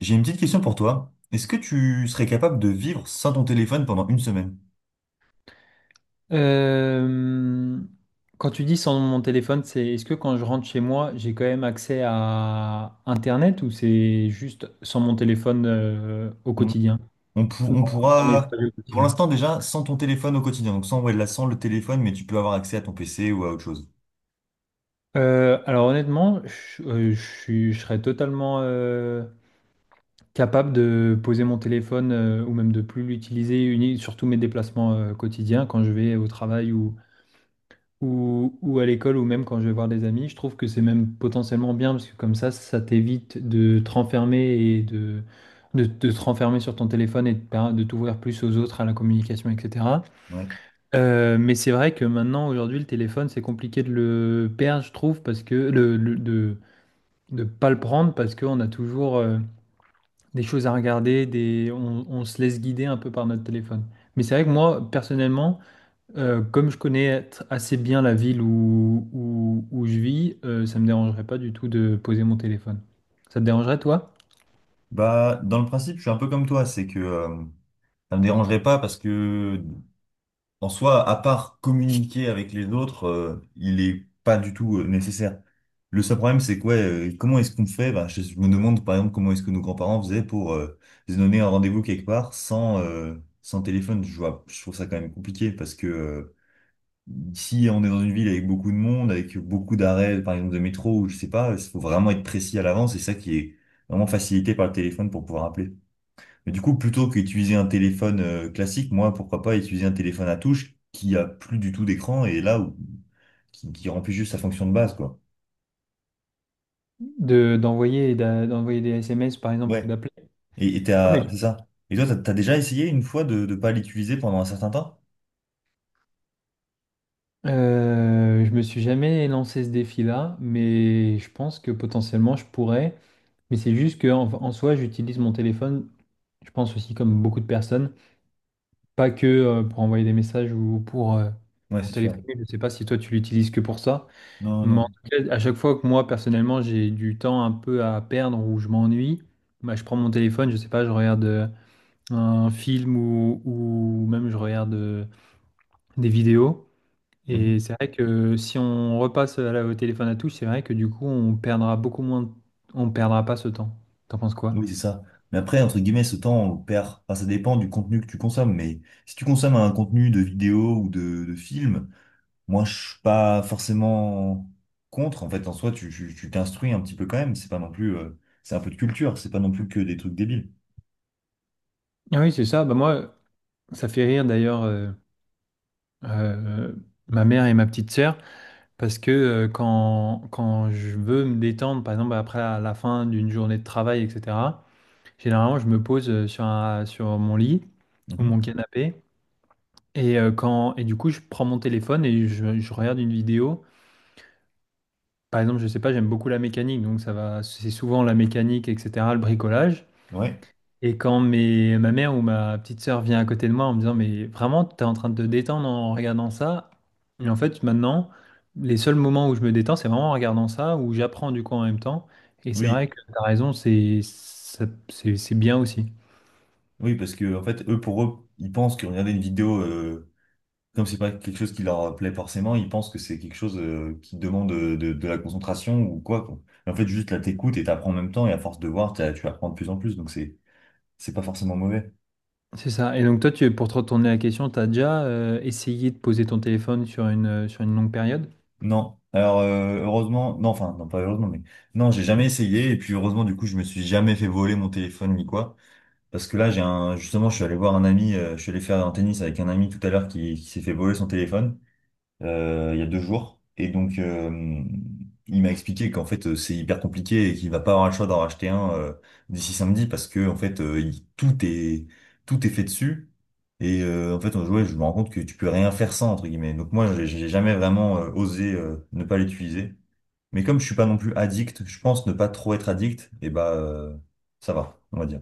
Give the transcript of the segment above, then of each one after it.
J'ai une petite question pour toi. Est-ce que tu serais capable de vivre sans ton téléphone pendant une semaine? Euh, Quand tu dis sans mon téléphone, c'est est-ce que quand je rentre chez moi, j'ai quand même accès à Internet ou c'est juste sans mon téléphone au On, quotidien? on pour- Non, on dans mes pourra, frais au Pour quotidien. l'instant déjà, sans ton téléphone au quotidien. Donc sans, ouais, là, sans le téléphone, mais tu peux avoir accès à ton PC ou à autre chose. Alors honnêtement, je serais totalement capable de poser mon téléphone ou même de plus l'utiliser, surtout mes déplacements quotidiens quand je vais au travail ou à l'école ou même quand je vais voir des amis. Je trouve que c'est même potentiellement bien parce que comme ça t'évite de te renfermer et de te renfermer sur ton téléphone et de t'ouvrir plus aux autres, à la communication, etc. Ouais. Mais c'est vrai que maintenant, aujourd'hui, le téléphone, c'est compliqué de le perdre, je trouve, parce que de pas le prendre parce qu'on a toujours des choses à regarder, on se laisse guider un peu par notre téléphone. Mais c'est vrai que moi, personnellement, comme je connais assez bien la ville où je vis, ça me dérangerait pas du tout de poser mon téléphone. Ça te dérangerait, toi, Bah, dans le principe, je suis un peu comme toi. C'est que ça me dérangerait pas parce que En soi, à part communiquer avec les autres, il est pas du tout nécessaire. Le seul problème, c'est quoi, comment est-ce qu'on fait? Bah, je me demande, par exemple, comment est-ce que nos grands-parents faisaient pour se donner un rendez-vous quelque part sans, sans téléphone. Je vois, je trouve ça quand même compliqué parce que si on est dans une ville avec beaucoup de monde, avec beaucoup d'arrêts, par exemple, de métro, ou je sais pas, il faut vraiment être précis à l'avance. C'est ça qui est vraiment facilité par le téléphone pour pouvoir appeler. Mais du coup, plutôt qu'utiliser un téléphone classique, moi, pourquoi pas utiliser un téléphone à touche qui a plus du tout d'écran et là où qui remplit juste sa fonction de base, quoi. de, d'envoyer, et d'a- d'envoyer des SMS, par exemple, ou Ouais. d'appeler? Et Non, mais- c'est ça. Et toi, t'as déjà essayé une fois de ne pas l'utiliser pendant un certain temps? Je me suis jamais lancé ce défi-là, mais je pense que potentiellement je pourrais. Mais c'est juste que en soi, j'utilise mon téléphone, je pense aussi comme beaucoup de personnes, pas que pour envoyer des messages ou Ouais, pour c'est sûr. téléphoner. Je ne sais pas si toi tu l'utilises que pour ça. Non, Mais non. en tout cas, à chaque fois que moi, personnellement, j'ai du temps un peu à perdre ou je m'ennuie, bah, je prends mon téléphone, je sais pas, je regarde un film ou même je regarde des vidéos. Et Mhm. c'est vrai que si on repasse au téléphone à touche, c'est vrai que du coup, on perdra beaucoup moins, on perdra pas ce temps. T'en penses quoi? Oui, c'est ça. Mais après, entre guillemets, ce temps, on le perd. Enfin, ça dépend du contenu que tu consommes. Mais si tu consommes un contenu de vidéo ou de film, moi, je suis pas forcément contre. En fait, en soi, tu t'instruis un petit peu quand même. C'est pas non plus, c'est un peu de culture. C'est pas non plus que des trucs débiles. Ah oui, c'est ça. Bah moi, ça fait rire d'ailleurs, euh, ma mère et ma petite sœur. Parce que quand je veux me détendre, par exemple après la fin d'une journée de travail, etc., généralement je me pose sur mon lit ou Mhm. mon canapé. Et du coup, je prends mon téléphone et je regarde une vidéo. Par exemple, je sais pas, j'aime beaucoup la mécanique, donc ça va, c'est souvent la mécanique, etc., le bricolage. Ouais. Et quand ma mère ou ma petite sœur vient à côté de moi en me disant, mais vraiment, t'es en train de te détendre en regardant ça. Et en fait, maintenant, les seuls moments où je me détends, c'est vraiment en regardant ça, où j'apprends du coup en même temps. Et c'est Oui. vrai que t'as raison, c'est bien aussi. Oui, parce que en fait, eux, pour eux, ils pensent que regarder une vidéo, comme c'est pas quelque chose qui leur plaît forcément, ils pensent que c'est quelque chose qui demande de, de la concentration ou quoi, quoi. Mais en fait, juste là, t'écoutes et t'apprends en même temps. Et à force de voir, tu apprends de plus en plus. Donc c'est pas forcément mauvais. C'est ça. Et donc toi, pour te retourner la question, t'as déjà essayé de poser ton téléphone sur une longue période? Non. Alors heureusement, non, enfin non pas heureusement, mais non, j'ai jamais essayé et puis heureusement du coup je me suis jamais fait voler mon téléphone ni quoi. Parce que là j'ai un justement je suis allé voir un ami, je suis allé faire un tennis avec un ami tout à l'heure qui s'est fait voler son téléphone il y a deux jours. Et donc, il m'a expliqué qu'en fait, c'est hyper compliqué et qu'il va pas avoir le choix d'en racheter un d'ici samedi parce que en fait, tout est fait dessus. Et en fait, ouais, je me rends compte que tu peux rien faire sans entre guillemets. Donc moi, j'ai jamais vraiment osé ne pas l'utiliser. Mais comme je suis pas non plus addict, je pense ne pas trop être addict. Et bah, ça va, on va dire.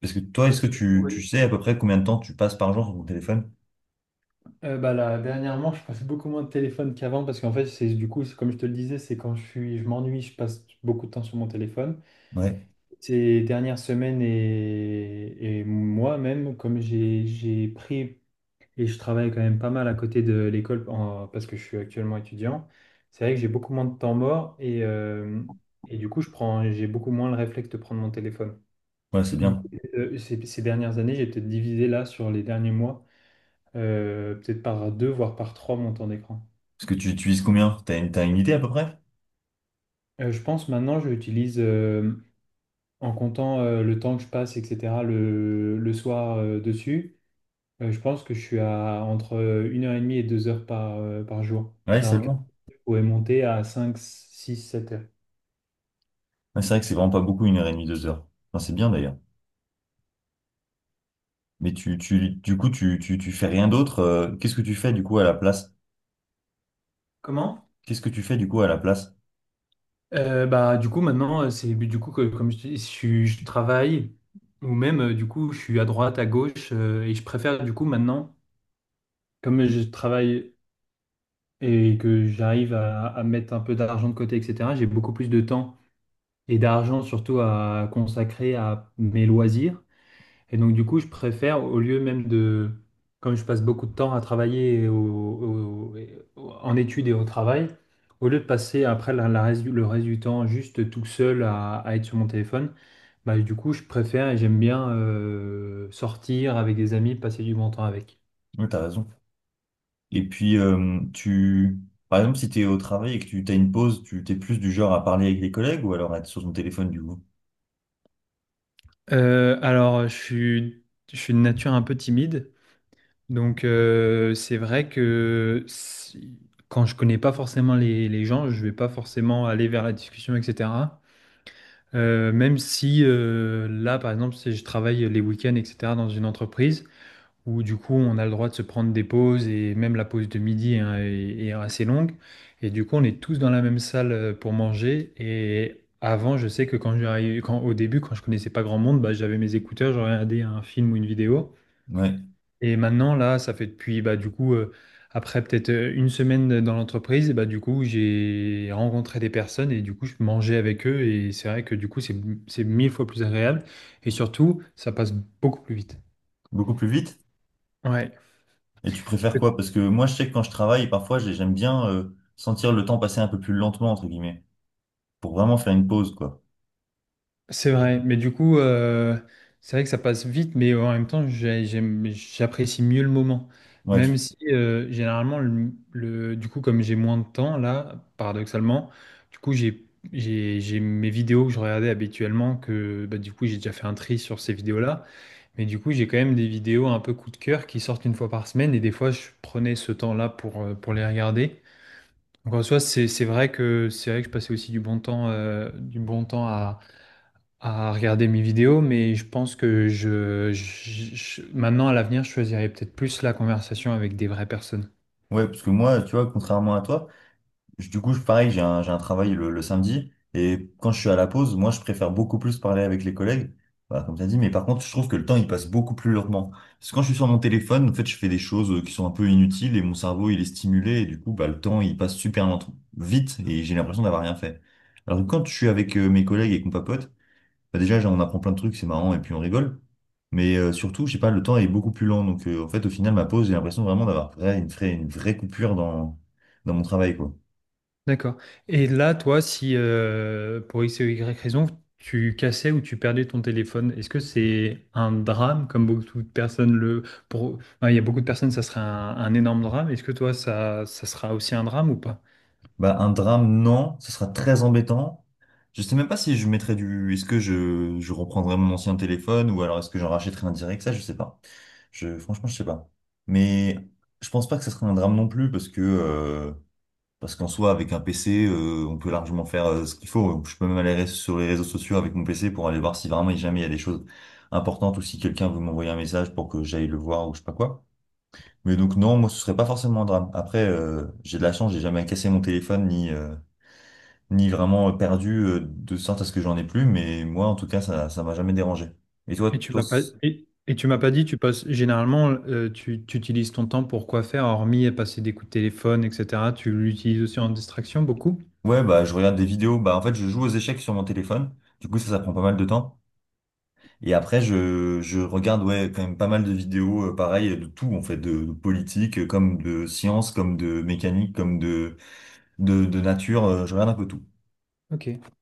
Parce que toi, est-ce que tu Oui. sais à peu près combien de temps tu passes par jour sur ton téléphone? Bah là, dernièrement, je passe beaucoup moins de téléphone qu'avant parce qu'en fait, c'est comme je te le disais, c'est quand je m'ennuie, je passe beaucoup de temps sur mon téléphone. Ouais, Ces dernières semaines, et moi-même, comme j'ai pris et je travaille quand même pas mal à côté de l'école, parce que je suis actuellement étudiant, c'est vrai que j'ai beaucoup moins de temps mort, et du coup, j'ai beaucoup moins le réflexe de prendre mon téléphone. ouais, c'est Donc, bien. Ces dernières années, j'ai peut-être divisé là sur les derniers mois, peut-être par deux, voire par trois mon temps d'écran. Parce que tu utilises combien? T'as une idée à peu près? Je pense maintenant, je l'utilise en comptant le temps que je passe, etc., le soir dessus. Je pense que je suis à entre 1h30 et 2 heures par jour. Ouais, Alors qu'après, seulement. je pourrais monter à 5, 6, 7 heures. Ouais, c'est vrai que c'est vraiment pas beaucoup, une heure et demie, deux heures. Enfin, c'est bien d'ailleurs. Mais du coup, tu fais rien d'autre. Qu'est-ce que tu fais du coup à la place? Comment? Qu'est-ce que tu fais du coup à la place? Bah, du coup, maintenant, c'est du coup que, comme je te dis, je travaille, ou même, du coup, je suis à droite, à gauche, et je préfère, du coup, maintenant, comme je travaille et que j'arrive à mettre un peu d'argent de côté, etc., j'ai beaucoup plus de temps et d'argent, surtout, à consacrer à mes loisirs. Et donc, du coup, je préfère, au lieu même de, comme je passe beaucoup de temps à travailler en études et au travail, au lieu de passer après le reste du temps juste tout seul à être sur mon téléphone, bah, du coup, je préfère et j'aime bien sortir avec des amis, passer du bon temps avec. Ouais, t'as raison. Et puis, tu, par exemple, si t'es au travail et que tu t'as une pause, tu t'es plus du genre à parler avec les collègues ou alors à être sur ton téléphone du coup? Alors, je suis de nature un peu timide, donc c'est vrai que quand je connais pas forcément les gens, je vais pas forcément aller vers la discussion, etc. Même si là, par exemple, si je travaille les week-ends, etc., dans une entreprise où du coup on a le droit de se prendre des pauses et même la pause de midi, hein, est assez longue. Et du coup, on est tous dans la même salle pour manger. Et avant, je sais que au début, quand je connaissais pas grand monde, bah, j'avais mes écouteurs, je regardais un film ou une vidéo. Ouais, Et maintenant, là, ça fait depuis, bah, du coup, après peut-être une semaine dans l'entreprise, bah, du coup, j'ai rencontré des personnes et du coup, je mangeais avec eux. Et c'est vrai que du coup, c'est mille fois plus agréable. Et surtout, ça passe beaucoup plus vite. beaucoup plus vite. Ouais. Et tu préfères quoi? Parce que moi, je sais que quand je travaille, parfois, j'aime bien sentir le temps passer un peu plus lentement, entre guillemets, pour vraiment faire une pause, quoi. C'est vrai, mais du coup, c'est vrai que ça passe vite, mais en même temps, j'apprécie mieux le moment. Ouais. Même si, généralement, du coup, comme j'ai moins de temps, là, paradoxalement, du coup, j'ai mes vidéos que je regardais habituellement, que bah, du coup, j'ai déjà fait un tri sur ces vidéos-là, mais du coup, j'ai quand même des vidéos un peu coup de cœur qui sortent une fois par semaine, et des fois, je prenais ce temps-là pour les regarder. Donc, en soi, c'est vrai que je passais aussi du bon temps à regarder mes vidéos, mais je pense que maintenant à l'avenir, je choisirais peut-être plus la conversation avec des vraies personnes. Ouais, parce que moi, tu vois, contrairement à toi, pareil, j'ai un travail le samedi, et quand je suis à la pause, moi, je préfère beaucoup plus parler avec les collègues, voilà, comme tu as dit, mais par contre, je trouve que le temps, il passe beaucoup plus lentement. Parce que quand je suis sur mon téléphone, en fait, je fais des choses qui sont un peu inutiles, et mon cerveau, il est stimulé, et du coup, bah, le temps, il passe vite, et j'ai l'impression d'avoir rien fait. Alors que quand je suis avec mes collègues et qu'on papote, bah déjà, genre, on apprend plein de trucs, c'est marrant, et puis on rigole. Mais surtout, je sais pas, le temps est beaucoup plus lent. Donc, en fait, au final, ma pause, j'ai l'impression une vraie coupure dans, dans mon travail, quoi. D'accord. Et là, toi, si pour X ou Y raison, tu cassais ou tu perdais ton téléphone, est-ce que c'est un drame comme beaucoup de personnes le... Pour... enfin, il y a beaucoup de personnes, ça serait un énorme drame. Est-ce que toi, ça sera aussi un drame ou pas? Bah, un drame, non, ce sera très embêtant. Je sais même pas si je mettrais du. Est-ce que je reprendrais mon ancien téléphone ou alors est-ce que j'en rachèterais un direct? Ça, je sais pas. Je, franchement, je sais pas. Mais je pense pas que ce serait un drame non plus parce que. Parce qu'en soi, avec un PC, on peut largement faire ce qu'il faut. Je peux même aller sur les réseaux sociaux avec mon PC pour aller voir si vraiment, jamais il y a des choses importantes ou si quelqu'un veut m'envoyer un message pour que j'aille le voir ou je sais pas quoi. Mais donc non, moi, ce serait pas forcément un drame. Après, j'ai de la chance, j'ai jamais cassé mon téléphone ni ni vraiment perdu de sorte à ce que j'en ai plus. Mais moi, en tout cas, ça m'a jamais dérangé. Et toi, c'est- Et tu m'as pas dit, tu utilises ton temps pour quoi faire, hormis passer des coups de téléphone, etc. Tu l'utilises aussi en distraction beaucoup? ouais, bah je regarde des vidéos. Bah en fait, je joue aux échecs sur mon téléphone. Du coup, ça prend pas mal de temps. Et après, je regarde ouais, quand même pas mal de vidéos, pareil, de tout, en fait, de politique, comme de science, comme de mécanique, comme de nature, je regarde un peu tout. Ok.